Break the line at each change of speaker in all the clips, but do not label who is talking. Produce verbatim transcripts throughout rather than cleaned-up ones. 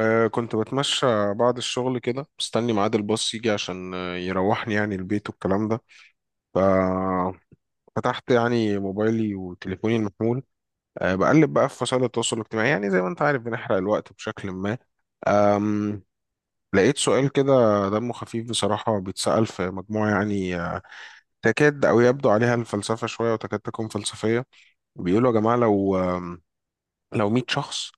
أه كنت بتمشى بعد الشغل كده مستني ميعاد الباص يجي عشان آه، يروحني يعني البيت والكلام ده. ففتحت يعني موبايلي وتليفوني المحمول. أه بقلب بقى في وسائل التواصل الاجتماعي، يعني زي ما انت عارف بنحرق الوقت بشكل ما. أم لقيت سؤال كده دمه خفيف بصراحة، بيتسأل في مجموعة يعني، آه، تكاد أو يبدو عليها الفلسفة شوية، وتكاد تكون فلسفية. بيقولوا يا جماعة، لو آم، لو مية شخص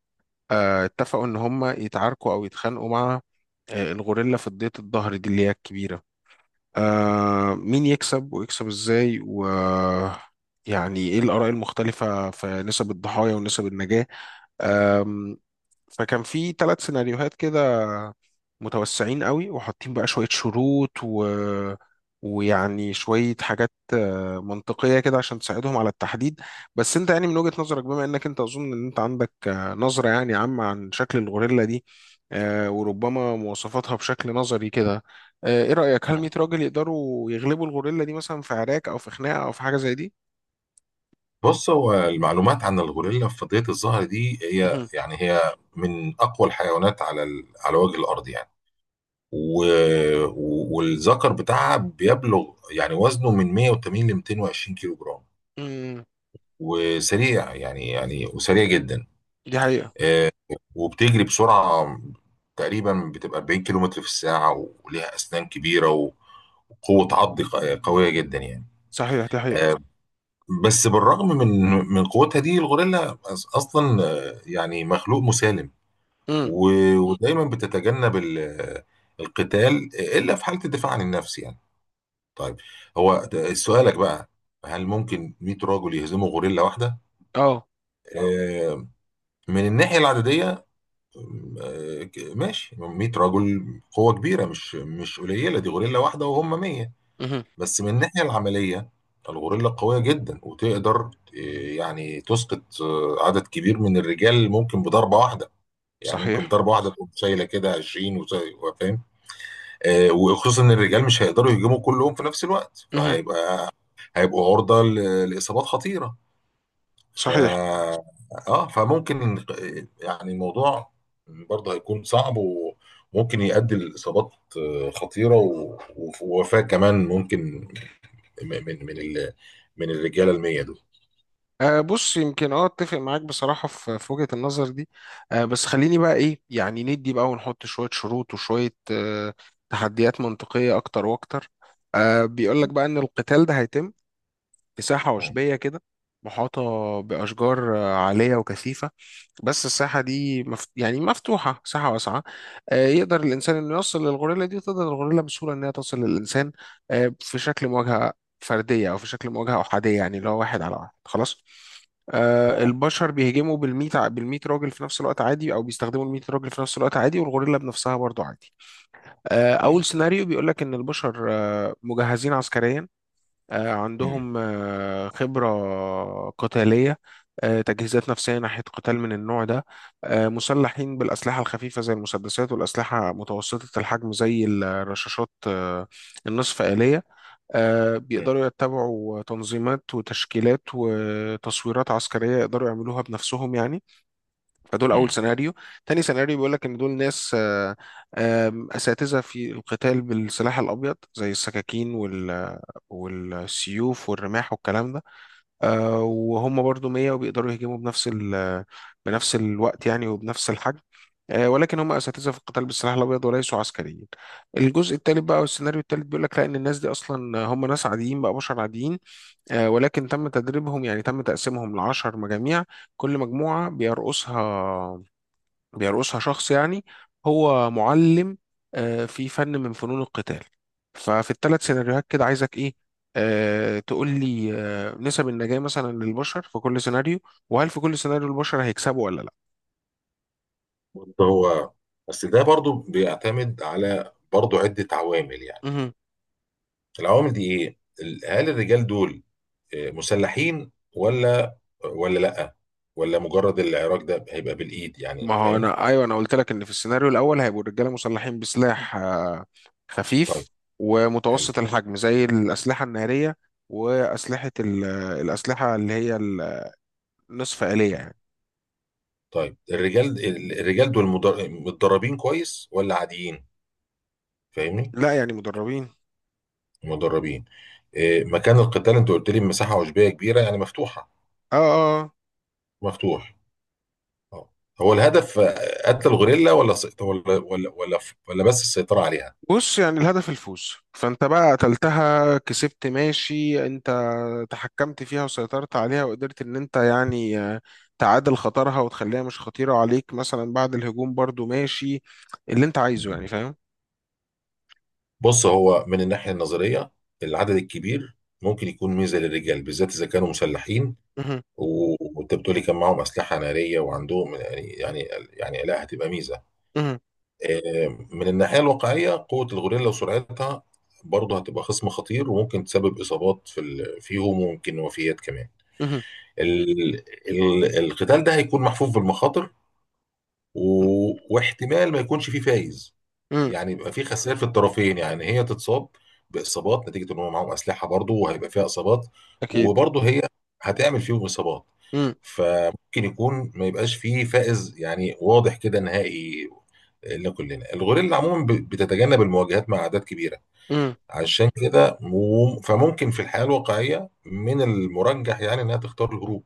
آه، اتفقوا ان هم يتعاركوا او يتخانقوا مع آه، الغوريلا في ضية الظهر دي اللي هي الكبيرة، آه، مين يكسب ويكسب ازاي؟ و يعني ايه الآراء المختلفة في نسب الضحايا ونسب النجاة؟ آه فكان في ثلاث سيناريوهات كده، متوسعين قوي وحاطين بقى شوية شروط، و ويعني شوية حاجات آه، منطقية كده عشان تساعدهم على التحديد. بس انت يعني من وجهة نظرك، بما انك انت اظن ان انت عندك آه، نظرة يعني عامة عن شكل الغوريلا دي، آه، وربما مواصفاتها بشكل نظري كده، آه، ايه رأيك، هل مية راجل يقدروا يغلبوا الغوريلا دي مثلا في عراك او في خناقة او في حاجة زي دي؟
بص، هو المعلومات عن الغوريلا في فضية الظهر دي هي
مهم.
يعني هي من أقوى الحيوانات على ال... على وجه الأرض يعني. و... و... والذكر بتاعها بيبلغ يعني وزنه من مية وتمانين ل ميتين وعشرين كيلو جرام،
مم.
وسريع يعني يعني وسريع جدا.
دي حقيقة.
آه، وبتجري بسرعة تقريبا بتبقى اربعين كيلو متر في الساعة، وليها أسنان كبيرة، وقوة عض ق- قوية جدا يعني.
صحيح، دي حقيقة.
آه، بس بالرغم من من قوتها دي، الغوريلا أص- اصلا آه، يعني مخلوق مسالم،
مم.
و- ودايما بتتجنب ال- القتال الا في حاله الدفاع عن النفس يعني. طيب، هو ده- سؤالك بقى، هل ممكن مية راجل يهزموا غوريلا واحده؟
اه.
آه، من الناحيه العدديه، آه، ماشي، مية رجل قوه كبيره، مش مش قليله، دي غوريلا واحده وهم مية.
مهم.
بس من الناحية العملية، الغوريلا قوية جدا وتقدر إيه، يعني تسقط آه، عدد كبير من الرجال، ممكن بضربة واحدة. يعني ممكن
صحيح.
بضربة واحدة تقوم شايلة كده عشرين، وزي- وفاهم. آه، وخصوصا ان الرجال مش هيقدروا يهجموا كلهم في نفس الوقت،
مهم.
فهيبقى هيبقوا عرضة ل- لإصابات خطيرة. ف
صحيح.
اه فممكن آه، يعني الموضوع برضه هيكون صعب وممكن يؤدي لإصابات آه، خطيرة، و- وف- ووفاة كمان ممكن من من من ال- من الرجاله المية دول.
أه بص يمكن، اه، اتفق معاك بصراحة في في وجهة النظر دي. أه بس خليني بقى ايه، يعني ندي بقى ونحط شوية شروط وشوية أه تحديات منطقية اكتر واكتر. أه بيقول لك بقى ان القتال ده هيتم في
اه،
عشبية كده محاطة بأشجار آه، عالية وكثيفة. بس الساحة دي مف... يعني مفتوحة، ساحة واسعة، آه، يقدر الإنسان إنه يوصل للغوريلا دي، وتقدر الغوريلا بسهولة إنها توصل للإنسان، آه، في شكل مواجهة فردية أو في شكل مواجهة أحادية، يعني اللي هو واحد على واحد خلاص. آه،
اه،
البشر بيهجموا بالميت ع- بالميت راجل في نفس الوقت عادي، أو بيستخدموا الميت راجل في نفس الوقت عادي، والغوريلا بنفسها برضو عادي. آه، أول
اه.
سيناريو بيقول لك إن البشر آه، مجهزين عسكريا، آه،
مم.
عندهم آه، خبرة قتالية، آه، تجهيزات نفسية ناحية قتال من النوع ده، آه، مسلحين بالأسلحة الخفيفة زي المسدسات، والأسلحة متوسطة الحجم زي الرشاشات آه، النصف آلية، آه،
مم.
بيقدروا يتبعوا تنظيمات وتشكيلات وتصويرات عسكرية يقدروا يعملوها بنفسهم يعني. فدول أول
مم.
سيناريو. تاني سيناريو بيقولك إن دول ناس آه، آم، أساتذة في القتال بالسلاح الأبيض، زي السكاكين وال والسيوف والرماح والكلام ده. آه وهم برضو مية، وبيقدروا يهجموا بنفس ال بنفس الوقت يعني، وبنفس الحجم، آه ولكن هم اساتذه في القتال بالسلاح الابيض وليسوا عسكريين. الجزء الثالث بقى، والسيناريو الثالث بيقول لك لا، ان الناس دي اصلا هم ناس عاديين بقى، بشر عاديين، آه ولكن تم تدريبهم، يعني تم تقسيمهم ل عشر مجاميع، كل مجموعه بيرقصها بيرقصها شخص يعني هو معلم آه، في فن من فنون القتال. ففي الثلاث سيناريوهات كده عايزك ايه، آه تقول لي آه نسب النجاة مثلا للبشر في كل سيناريو، وهل في كل سيناريو البشر هيكسبوا ولا لا؟
برضه هو بس ده برضو بيعتمد على برضو عدة عوامل يعني.
مهم.
العوامل دي ايه؟ ال- هل الرجال دول آه، مسلحين ولا ولا لا، ولا مجرد العراك ده هيبقى بالايد؟
ما
يعني
هو
فاهم.
انا ايوه، انا قلت لك ان في السيناريو الاول هيبقوا الرجاله مسلحين بسلاح آه
طيب.
خفيف،
حلو.
ومتوسط الحجم زي الاسلحه الناريه، واسلحه ال- الاسلحه اللي هي النصف آلية يعني.
طيب، الرجال ال- الرجال دول مدر- متدربين كويس ولا عاديين؟ فاهمني؟
لا يعني مدربين.
مدربين. آه، مكان القتال، انت قلت لي مساحة عشبية كبيرة يعني مفتوحة،
اه اه آه.
مفتوح، اه. هو الهدف آه، قتل الغوريلا ولا سيط- ولا ولا ولا, ولا بس السيطرة عليها؟
بص يعني الهدف الفوز، فانت بقى قتلتها كسبت، ماشي، انت تحكمت فيها وسيطرت عليها وقدرت ان انت يعني آه، تعادل خطرها وتخليها مش خطيرة عليك مثلا بعد الهجوم، برضو ماشي اللي انت عايزه يعني،
مم.
فاهم؟
بص، هو من الناحية النظرية العدد الكبير ممكن يكون ميزة للرجال، بالذات إذا كانوا مسلحين،
مهم.
و- وانت بتقولي كان معاهم أسلحة نارية وعندهم، يعني يعني يعني لا، هتبقى ميزة.
مهم.
آه، من الناحية الواقعية، قوة الغوريلا وسرعتها برضه هتبقى خصم خطير، وممكن تسبب إصابات في ال- فيهم وممكن وفيات كمان.
مهم.
ال- ال- القتال ده هيكون محفوف بالمخاطر، و... واحتمال ما يكونش فيه فايز.
مهم.
يعني يبقى فيه خسائر في الطرفين، يعني هي تتصاب باصابات نتيجه ان هم معاهم اسلحه برضه، وهيبقى فيها اصابات،
اكيد.
وبرضه هي هتعمل فيهم اصابات. فممكن يكون ما يبقاش فيه فائز يعني، واضح كده نهائي لكلنا. الغوريلا عموما ب- بتتجنب المواجهات مع اعداد كبيره،
مهم.
عشان كده و- فممكن في الحياه الواقعيه من المرجح يعني انها تختار الهروب.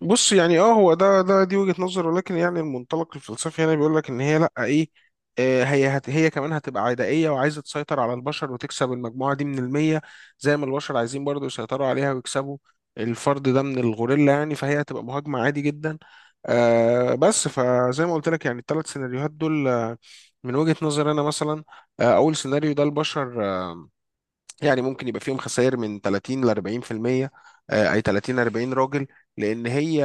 بص يعني اه، هو ده ده دي وجهة نظر، ولكن يعني المنطلق الفلسفي هنا بيقول لك ان هي لا ايه، آه، هي هت هي كمان هتبقى عدائية وعايزة تسيطر على البشر وتكسب المجموعة دي من المية، زي ما البشر عايزين برضو يسيطروا عليها ويكسبوا الفرد ده من الغوريلا يعني، فهي هتبقى مهاجمة عادي جدا. آه بس فزي ما قلت لك، يعني الثلاث سيناريوهات دول آه، من وجهة نظر انا مثلا، آه، اول سيناريو ده البشر آه، يعني ممكن يبقى فيهم خسائر من تلاتين ل اربعين في المية، آه، اي تلاتين اربعين راجل، لان هي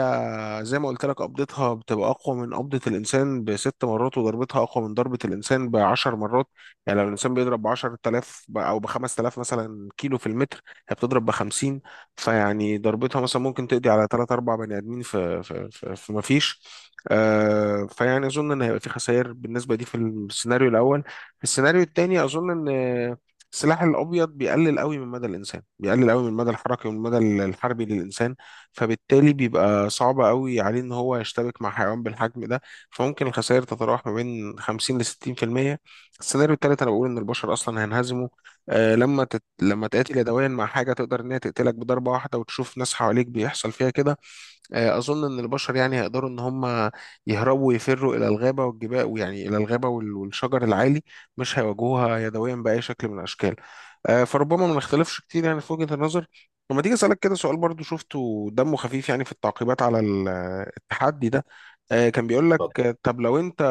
زي ما قلت لك قبضتها بتبقى أقوى من قبضة الإنسان بست مرات، وضربتها أقوى من ضربة الإنسان بعشر مرات، يعني لو الإنسان بيضرب بعشرة آلاف ب- أو بخمس آلاف مثلا كيلو في المتر، هي بتضرب بخمسين. فيعني ضربتها مثلا ممكن تقضي على تلات أربع بني آدمين في في في, في مفيش. آه فيعني أظن إن هيبقى في خسائر بالنسبة دي في السيناريو الأول. في السيناريو التاني أظن إن آه، السلاح الأبيض بيقلل قوي من مدى الإنسان، بيقلل قوي من المدى الحركي والمدى الحربي للإنسان، فبالتالي بيبقى صعب قوي عليه ان هو يشتبك مع حيوان بالحجم ده، فممكن الخسائر تتراوح ما بين خمسين ل ستين في المية. السيناريو التالت انا بقول ان البشر اصلا هينهزموا، آه لما تت... لما تقاتل يدويا مع حاجه تقدر ان هي تقتلك بضربه واحده وتشوف ناس حواليك بيحصل فيها كده، آه، اظن ان البشر يعني هيقدروا ان هم يهربوا ويفروا الى الغابه والجبال، ويعني الى الغابه وال- والشجر العالي، مش هيواجهوها يدويا باي شكل من الاشكال. آه، فربما ما نختلفش كتير يعني في وجهه النظر. لما تيجي اسالك كده سؤال برضو شفته دمه خفيف، يعني في التعقيبات على ال- التحدي ده، آه، كان بيقول لك آه، طب لو انت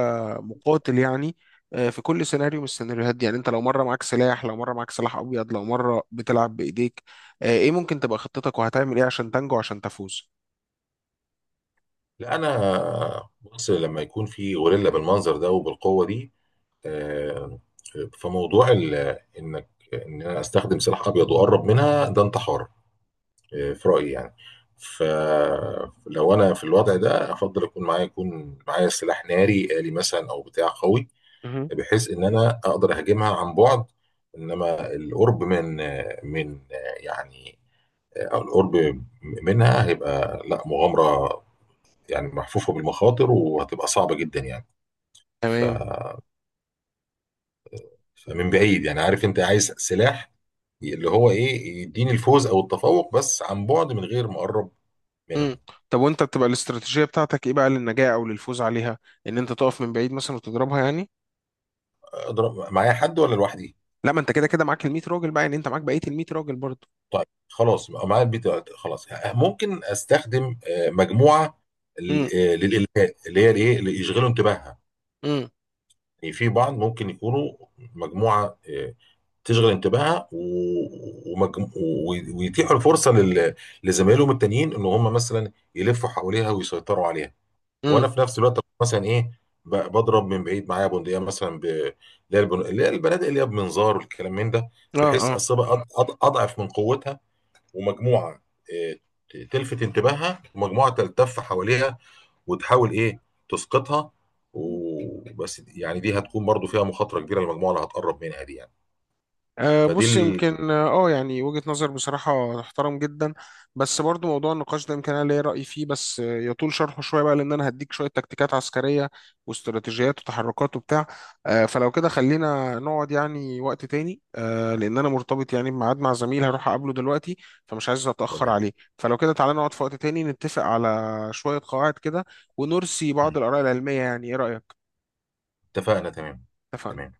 مقاتل يعني، آه، في كل سيناريو من السيناريوهات دي، يعني انت لو مره معاك سلاح، لو مره معاك سلاح ابيض، لو مره بتلعب بايديك، آه، ايه ممكن تبقى خطتك؟ وهتعمل ايه عشان تنجو، عشان تفوز؟
لا، انا بص، لما يكون في غوريلا بالمنظر ده وبالقوه دي، آه، فموضوع ال- انك ان انا استخدم سلاح ابيض واقرب منها، ده انتحار آه، في رايي يعني. فلو انا في الوضع ده، افضل اكون معايا يكون معايا سلاح ناري آلي مثلا او بتاع قوي، بحيث ان انا اقدر اهاجمها عن بعد. انما القرب من آه، من آه، يعني آه، القرب منها هيبقى لا، مغامره يعني، محفوفة بالمخاطر، وهتبقى صعبة جدا يعني. ف...
تمام.
فمن بعيد، يعني عارف، انت عايز سلاح اللي هو ايه يديني الفوز او التفوق، بس عن بعد من غير ما اقرب
امم.
منها.
طب وانت بتبقى الاستراتيجيه بتاعتك ايه بقى للنجاه او للفوز عليها؟ ان انت تقف من بعيد مثلا وتضربها يعني؟
اضرب معايا حد ولا لوحدي؟
لا، ما انت كده كده معاك ال مية راجل بقى، يعني انت معاك بقيه ال مية راجل برضه.
طيب، خلاص، معايا البيت، خلاص. ممكن استخدم آه، مجموعة ل-
امم.
آه، للإلهاء اللي هي الايه اللي يشغلوا انتباهها.
امم.
يعني في بعض ممكن يكونوا مجموعة آه، تشغل انتباهها و- ومجم... و- ويتيحوا الفرصه لل... لزمايلهم التانيين ان هم مثلا يلفوا حواليها ويسيطروا عليها.
امم.
وانا في نفس الوقت مثلا ايه ب- بضرب من بعيد، معايا بندقيه مثلا، ب... اللي هي البن- اللي هي البنادق اللي هي بمنظار والكلام من ده، بحيث
اه.
اصيبها أض... أض... اضعف من قوتها. ومجموعه إيه ت- تلفت انتباهها، ومجموعه تلتف حواليها وتحاول ايه تسقطها. وبس يعني، دي هتكون برضو فيها مخاطره كبيره للمجموعه اللي هتقرب منها دي يعني.
أه
فدي
بص
ال...
يمكن اه، آه، يعني وجهة نظر بصراحة تحترم جدا. بس برضو موضوع النقاش ده يمكن انا ليا رأي فيه، بس آه، يطول شرحه شوية بقى، لان انا هديك شوية تكتيكات عسكرية واستراتيجيات وتحركات وبتاع. أه فلو كده خلينا نقعد يعني وقت تاني، أه لان انا مرتبط يعني بميعاد مع زميل هروح اقابله دلوقتي، فمش عايز اتأخر
تمام.
عليه. فلو كده تعالى نقعد في وقت تاني، نتفق على شوية قواعد كده، ونرسي
مم.
بعض الآراء العلمية، يعني ايه رأيك؟
اتفقنا. تمام.
اتفقنا.
تمام.